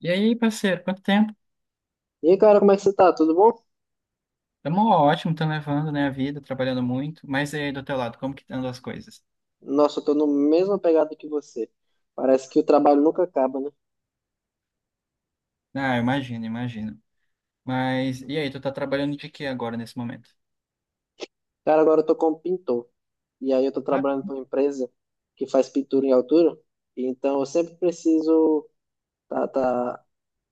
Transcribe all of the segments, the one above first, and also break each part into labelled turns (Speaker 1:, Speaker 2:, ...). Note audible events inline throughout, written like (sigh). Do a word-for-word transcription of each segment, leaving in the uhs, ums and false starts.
Speaker 1: E aí, parceiro, quanto tempo?
Speaker 2: E aí, cara, como é que você tá? Tudo bom?
Speaker 1: Tamo ótimo, tamo levando, né, a vida, trabalhando muito. Mas e aí, do teu lado, como que andam as coisas?
Speaker 2: Nossa, eu tô no mesma pegada que você. Parece que o trabalho nunca acaba, né?
Speaker 1: Ah, eu imagino, imagino. Mas e aí, tu tá trabalhando de quê agora, nesse momento?
Speaker 2: Cara, agora eu tô como pintor. E aí eu tô
Speaker 1: Ah,
Speaker 2: trabalhando pra uma empresa que faz pintura em altura. E então eu sempre preciso. Tá, tá...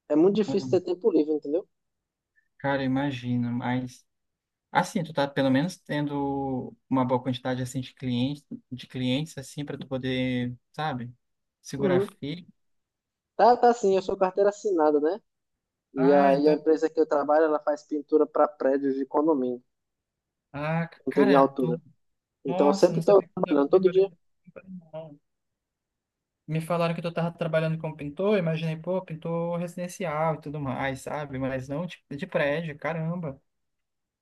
Speaker 2: É muito difícil ter tempo livre, entendeu?
Speaker 1: cara, imagino, mas... Assim, tu tá pelo menos tendo uma boa quantidade, assim, de clientes, de clientes, assim, pra tu poder, sabe, segurar
Speaker 2: Uhum.
Speaker 1: firme.
Speaker 2: Tá, tá sim, eu sou carteira assinada, né? E
Speaker 1: Ah,
Speaker 2: a, e a
Speaker 1: então...
Speaker 2: empresa que eu trabalho, ela faz pintura pra prédios de condomínio,
Speaker 1: Ah,
Speaker 2: pintura em
Speaker 1: cara,
Speaker 2: altura.
Speaker 1: tu...
Speaker 2: Então eu
Speaker 1: Nossa, eu
Speaker 2: sempre
Speaker 1: não
Speaker 2: tô
Speaker 1: sabia que tu tava
Speaker 2: trabalhando todo dia.
Speaker 1: trabalhando. Me falaram que tu tava trabalhando como pintor, imaginei, pô, pintor residencial e tudo mais, sabe? Mas não de, de prédio, caramba.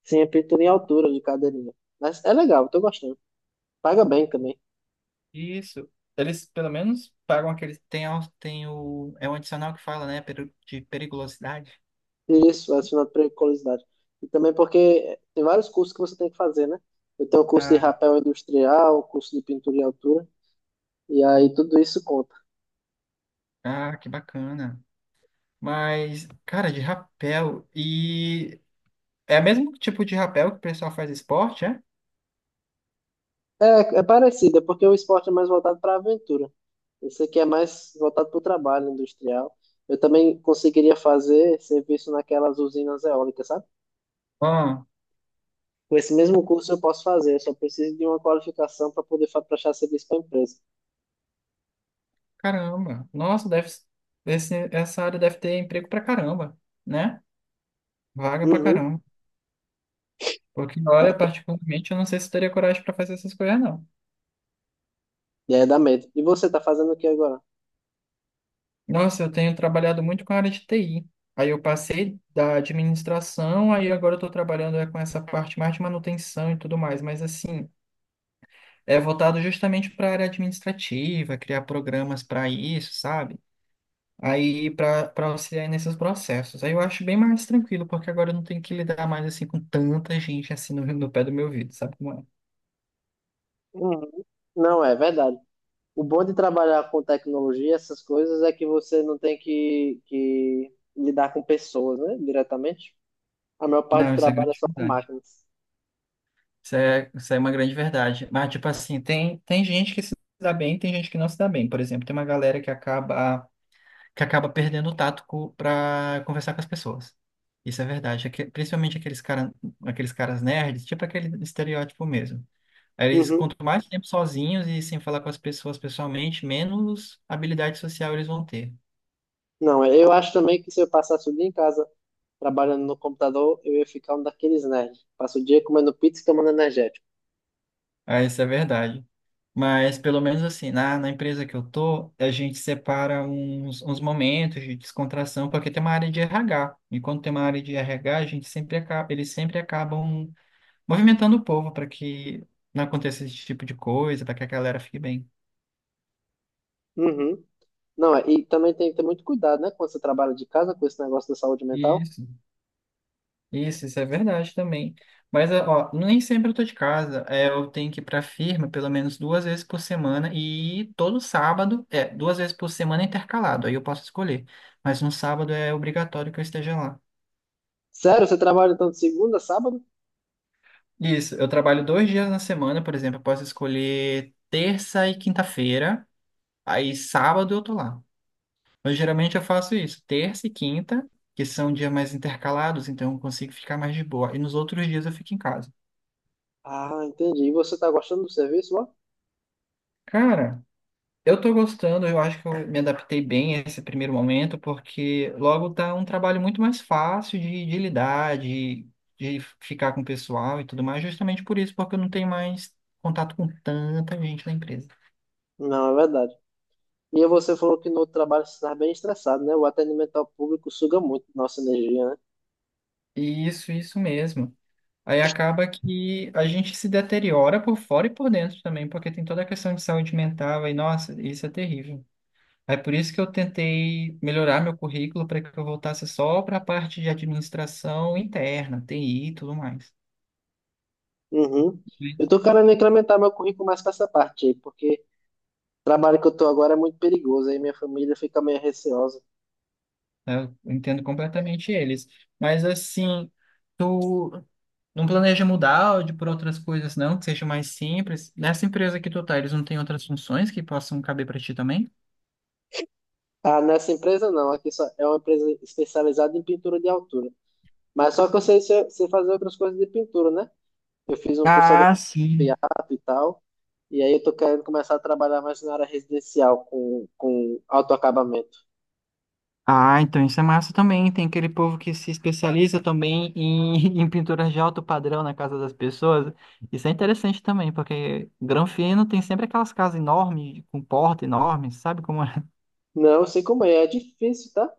Speaker 2: Sim, é pintura em altura de cadeirinha. Mas é legal, eu tô gostando. Paga bem também.
Speaker 1: Isso. Eles, pelo menos, pagam aquele. Tem, a- tem o. É um adicional que fala, né? peri- De periculosidade.
Speaker 2: Isso, adicionado periculosidade. E também porque tem vários cursos que você tem que fazer, né? Eu tenho um curso de
Speaker 1: Ah,
Speaker 2: rapel industrial, curso de pintura em altura, e aí tudo isso conta.
Speaker 1: ah, que bacana. Mas, cara, de rapel. E. É o mesmo tipo de rapel que o pessoal faz esporte, é?
Speaker 2: É, é parecido, é porque o esporte é mais voltado para a aventura. Esse aqui é mais voltado para o trabalho industrial. Eu também conseguiria fazer serviço naquelas usinas eólicas, sabe?
Speaker 1: Ah,
Speaker 2: Com esse mesmo curso eu posso fazer, eu só preciso de uma qualificação para poder fa- prestar serviço para a empresa.
Speaker 1: caramba. Nossa, deve. Esse, essa área deve ter emprego pra caramba, né? Vaga pra
Speaker 2: Uhum.
Speaker 1: caramba. Porque na hora, particularmente, eu não sei se teria coragem para fazer essas coisas, não.
Speaker 2: E aí dá medo. E você está fazendo o que agora?
Speaker 1: Nossa, eu tenho trabalhado muito com a área de T I. Aí eu passei da administração, aí agora eu estou trabalhando é, com essa parte mais de manutenção e tudo mais. Mas, assim, é voltado justamente para a área administrativa, criar programas para isso, sabe? Aí para para auxiliar nesses processos. Aí eu acho bem mais tranquilo, porque agora eu não tenho que lidar mais assim com tanta gente assim no, no pé do meu ouvido, sabe como é?
Speaker 2: Uhum. Não, é verdade. O bom de trabalhar com tecnologia, essas coisas, é que você não tem que, que lidar com pessoas, né, diretamente. A maior parte do
Speaker 1: Não, isso é
Speaker 2: trabalho é
Speaker 1: grande.
Speaker 2: só com máquinas.
Speaker 1: Isso é, isso é uma grande verdade. Mas, tipo assim, tem, tem gente que se dá bem, tem gente que não se dá bem. Por exemplo, tem uma galera que acaba, que acaba perdendo o tato para conversar com as pessoas. Isso é verdade. Aque- Principalmente aqueles cara, aqueles caras nerds, tipo aquele estereótipo mesmo. Aí eles, quanto
Speaker 2: Uhum.
Speaker 1: mais tempo sozinhos e sem falar com as pessoas pessoalmente, menos habilidade social eles vão ter.
Speaker 2: Não, é, eu acho também que se eu passasse o dia em casa trabalhando no computador, eu ia ficar um daqueles nerds. Passo o dia comendo pizza e tomando energético.
Speaker 1: Ah, isso é verdade. Mas pelo menos assim, na, na empresa que eu tô, a gente separa uns, uns momentos de descontração, porque tem uma área de R H. E quando tem uma área de R H, a gente sempre acaba, eles sempre acabam movimentando o povo para que não aconteça esse tipo de coisa, para que a galera fique bem.
Speaker 2: Uhum. Não, é, e também tem que ter muito cuidado, né, quando você trabalha de casa com esse negócio da saúde mental.
Speaker 1: Isso. Isso, isso é verdade também. Mas, ó, nem sempre eu tô de casa. É, eu tenho que ir pra firma pelo menos duas vezes por semana e todo sábado, é, duas vezes por semana é intercalado, aí eu posso escolher. Mas no sábado é obrigatório que eu esteja lá.
Speaker 2: Sério, você trabalha então de segunda a sábado?
Speaker 1: Isso, eu trabalho dois dias na semana, por exemplo, eu posso escolher terça e quinta-feira, aí sábado eu tô lá. Mas geralmente eu faço isso, terça e quinta, que são dias mais intercalados, então eu consigo ficar mais de boa. E nos outros dias eu fico em casa.
Speaker 2: Ah, entendi. E você tá gostando do serviço lá?
Speaker 1: Cara. Eu tô gostando, eu acho que eu me adaptei bem a esse primeiro momento, porque logo tá um trabalho muito mais fácil de, de lidar, de, de ficar com o pessoal e tudo mais, justamente por isso, porque eu não tenho mais contato com tanta gente na empresa.
Speaker 2: Não, é verdade. E você falou que no outro trabalho você está bem estressado, né? O atendimento ao público suga muito nossa energia, né?
Speaker 1: Isso, isso mesmo. Aí acaba que a gente se deteriora por fora e por dentro também, porque tem toda a questão de saúde mental, e nossa, isso é terrível. É por isso que eu tentei melhorar meu currículo para que eu voltasse só para a parte de administração interna, T I e tudo mais.
Speaker 2: Uhum. Eu
Speaker 1: Mas,
Speaker 2: tô querendo incrementar meu currículo mais para essa parte aí, porque trabalho que eu tô agora é muito perigoso, aí minha família fica meio receosa.
Speaker 1: é, eu entendo completamente eles. Mas assim, tu não planeja mudar de por outras coisas, não, que seja mais simples? Nessa empresa que tu tá, eles não têm outras funções que possam caber para ti também?
Speaker 2: Ah, nessa empresa não, aqui só é uma empresa especializada em pintura de altura. Mas só que eu sei, sei sei fazer outras coisas de pintura, né? Eu fiz um curso agora
Speaker 1: Ah,
Speaker 2: de
Speaker 1: sim.
Speaker 2: teatro e tal, e aí eu tô querendo começar a trabalhar mais na área residencial com, com autoacabamento.
Speaker 1: Ah, então isso é massa também. Tem aquele povo que se especializa também em, (laughs) em pinturas de alto padrão na casa das pessoas. Isso é interessante também, porque Granfino tem sempre aquelas casas enormes, com porta enorme, sabe como é?
Speaker 2: Não, eu sei como é, é difícil, tá?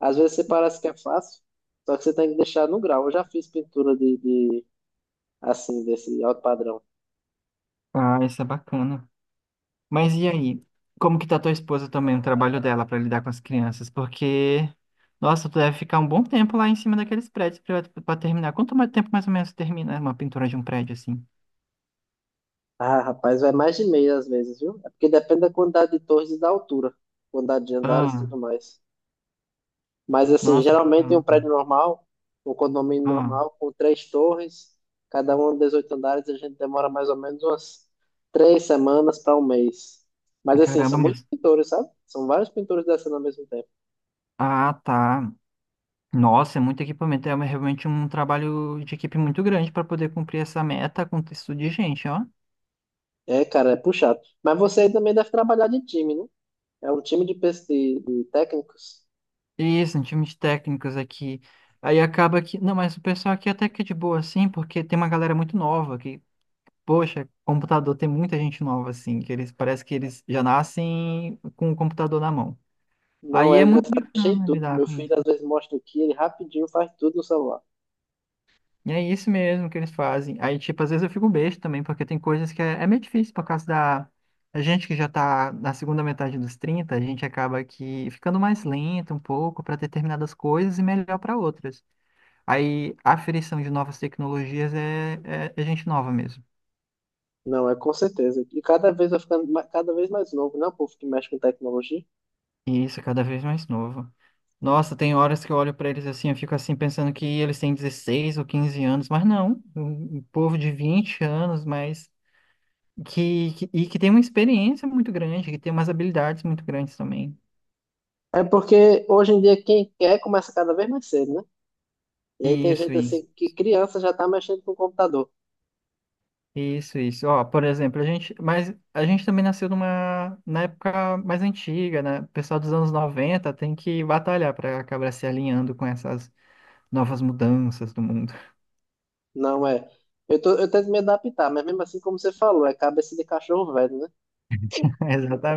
Speaker 2: Às vezes você parece que é fácil, só que você tem que deixar no grau. Eu já fiz pintura de, de assim, desse alto padrão.
Speaker 1: Ah, isso é bacana. Mas e aí? Como que tá tua esposa também, o trabalho dela para lidar com as crianças? Porque, nossa, tu deve ficar um bom tempo lá em cima daqueles prédios para terminar. Quanto mais tempo mais ou menos termina uma pintura de um prédio assim?
Speaker 2: Ah, rapaz, vai mais de meia às vezes, viu? É porque depende da quantidade de torres e da altura, quantidade de andares e
Speaker 1: Ah,
Speaker 2: tudo mais. Mas, assim,
Speaker 1: nossa,
Speaker 2: geralmente em um
Speaker 1: caramba.
Speaker 2: prédio normal, um condomínio
Speaker 1: Ah,
Speaker 2: normal, com três torres, cada uma dezoito andares, a gente demora mais ou menos umas três semanas para um mês. Mas, assim,
Speaker 1: caramba,
Speaker 2: são muitos
Speaker 1: mas
Speaker 2: pintores, sabe? São vários pintores descendo ao mesmo tempo.
Speaker 1: Ah, tá. Nossa, é muito equipamento. É realmente um trabalho de equipe muito grande para poder cumprir essa meta com texto de gente, ó.
Speaker 2: É, cara, é puxado. Mas você também deve trabalhar de time, né? É um time de, pes- de de técnicos.
Speaker 1: Isso, um time de técnicos aqui. Aí acaba que. Não, mas o pessoal aqui até que é de boa, assim, porque tem uma galera muito nova que, poxa, computador tem muita gente nova, assim, que eles parece que eles já nascem com o computador na mão.
Speaker 2: Não,
Speaker 1: Aí é
Speaker 2: ele já
Speaker 1: muito
Speaker 2: sabe mexer em
Speaker 1: bacana
Speaker 2: tudo.
Speaker 1: lidar
Speaker 2: Meu
Speaker 1: com isso.
Speaker 2: filho às vezes mostra aqui, ele rapidinho faz tudo no celular.
Speaker 1: E é isso mesmo que eles fazem. Aí, tipo, às vezes eu fico besta também, porque tem coisas que é, é meio difícil por causa da. A gente que já tá na segunda metade dos trinta a gente acaba que ficando mais lento um pouco para determinadas coisas e melhor para outras. Aí a aferição de novas tecnologias é, é, é gente nova mesmo.
Speaker 2: Não, é com certeza. E cada vez vai ficando ma- cada vez mais novo, né? O povo que mexe com tecnologia.
Speaker 1: E isso é cada vez mais novo. Nossa, tem horas que eu olho para eles assim, eu fico assim pensando que eles têm dezesseis ou quinze anos, mas não, um um povo de vinte anos, mas que, que- e que tem uma experiência muito grande, que tem umas habilidades muito grandes também.
Speaker 2: É porque hoje em dia quem quer começa cada vez mais cedo, né? E aí tem
Speaker 1: Isso,
Speaker 2: gente
Speaker 1: isso.
Speaker 2: assim que criança já tá mexendo com o computador.
Speaker 1: Isso, isso. Ó, por exemplo, a gente, mas a gente também nasceu numa, na época mais antiga, né? O pessoal dos anos noventa tem que batalhar para acabar se alinhando com essas novas mudanças do mundo.
Speaker 2: Não é. Eu, tô, eu tento me adaptar, mas mesmo assim, como você falou, é cabeça de cachorro velho, né?
Speaker 1: (laughs)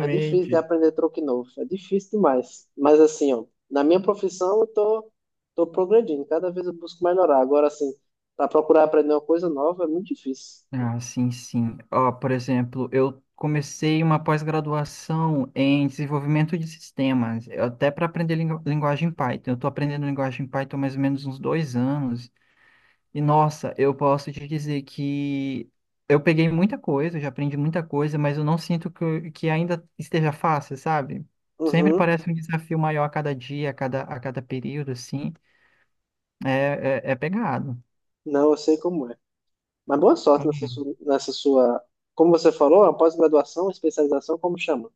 Speaker 2: É difícil de aprender truque novo. É difícil demais. Mas assim, ó, na minha profissão eu tô, tô progredindo. Cada vez eu busco melhorar. Agora, assim, para procurar aprender uma coisa nova é muito difícil.
Speaker 1: Ah, sim, sim. Ó, por exemplo, eu comecei uma pós-graduação em desenvolvimento de sistemas, eu- até para aprender lingu- linguagem Python. Eu estou aprendendo linguagem Python há mais ou menos uns dois anos. E, nossa, eu posso te dizer que eu peguei muita coisa, eu já aprendi muita coisa, mas eu não sinto que, eu- que ainda esteja fácil, sabe? Sempre
Speaker 2: Uhum.
Speaker 1: parece um desafio maior a cada dia, a cada, a cada período, assim. É, é, é pegado.
Speaker 2: Não, eu sei como é. Mas boa sorte nessa
Speaker 1: Uhum.
Speaker 2: sua, nessa sua, como você falou, a pós-graduação, especialização, como chama?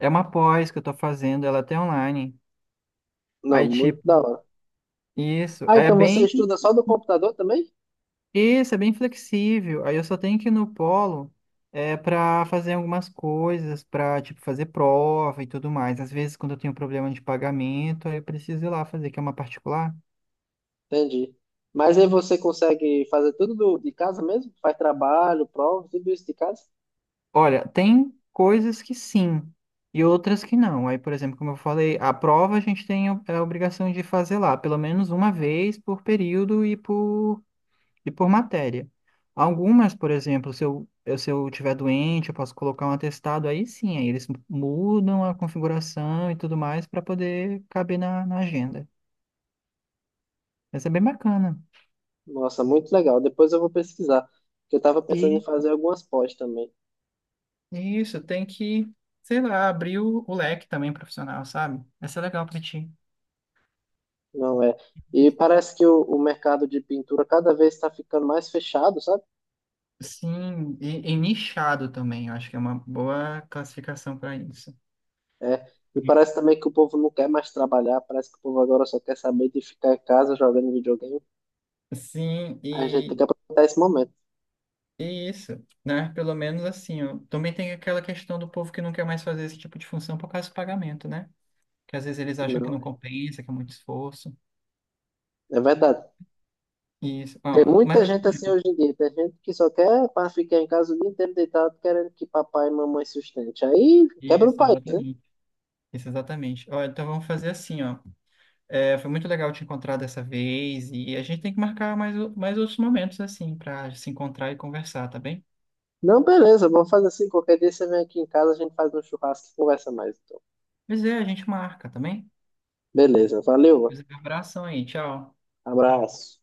Speaker 1: É uma pós que eu estou fazendo, ela é até online.
Speaker 2: Não,
Speaker 1: Aí,
Speaker 2: muito
Speaker 1: tipo,
Speaker 2: da hora.
Speaker 1: Isso,
Speaker 2: Ah,
Speaker 1: é
Speaker 2: então você
Speaker 1: bem,
Speaker 2: estuda só do computador também?
Speaker 1: isso, é bem flexível. Aí eu só tenho que ir no polo é para fazer algumas coisas, para tipo fazer prova e tudo mais. Às vezes quando eu tenho problema de pagamento, aí eu preciso ir lá fazer, que é uma particular.
Speaker 2: Entendi. Mas aí você consegue fazer tudo do- de casa mesmo? Faz trabalho, prova, tudo isso de casa?
Speaker 1: Olha, tem coisas que sim e outras que não. Aí, por exemplo, como eu falei, a prova a gente tem a a obrigação de fazer lá, pelo menos uma vez por período e por e por matéria. Algumas, por exemplo, se eu, eu- se eu tiver doente, eu posso colocar um atestado, aí sim, aí eles mudam a configuração e tudo mais para poder caber na, na agenda. Mas é bem bacana.
Speaker 2: Nossa, muito legal. Depois eu vou pesquisar, porque eu estava pensando em
Speaker 1: E
Speaker 2: fazer algumas pós também.
Speaker 1: e isso, tem que, sei lá, abrir o, o leque também profissional, sabe? Vai ser legal para ti.
Speaker 2: Não é? E parece que o, o mercado de pintura cada vez está ficando mais fechado, sabe?
Speaker 1: Sim, e, e nichado também, eu acho que é uma boa classificação para isso.
Speaker 2: É. E parece também que o povo não quer mais trabalhar, parece que o povo agora só quer saber de ficar em casa jogando videogame.
Speaker 1: Sim,
Speaker 2: A gente tem que
Speaker 1: e
Speaker 2: aproveitar esse momento.
Speaker 1: Isso, né? Pelo menos assim, ó. Também tem aquela questão do povo que não quer mais fazer esse tipo de função por causa do pagamento, né? Que às vezes eles acham que
Speaker 2: Não,
Speaker 1: não
Speaker 2: é
Speaker 1: compensa, que é muito esforço.
Speaker 2: É verdade.
Speaker 1: Isso,
Speaker 2: Tem
Speaker 1: ó, mas
Speaker 2: muita
Speaker 1: assim,
Speaker 2: gente assim
Speaker 1: ó,
Speaker 2: hoje em dia. Tem gente que só quer para ficar em casa o dia inteiro deitado, querendo que papai e mamãe sustente. Aí quebra o
Speaker 1: isso,
Speaker 2: país, né?
Speaker 1: exatamente. Isso, exatamente. Ó, então vamos fazer assim, ó. É, foi muito legal te encontrar dessa vez e a gente tem que marcar mais, o- mais outros momentos, assim, para se encontrar e conversar, tá bem?
Speaker 2: Não, beleza, vamos fazer assim. Qualquer dia você vem aqui em casa, a gente faz um churrasco e conversa mais, então.
Speaker 1: Pois é, a gente marca, tá bem?
Speaker 2: Beleza, valeu,
Speaker 1: Pois é, um abração aí, tchau.
Speaker 2: abraço.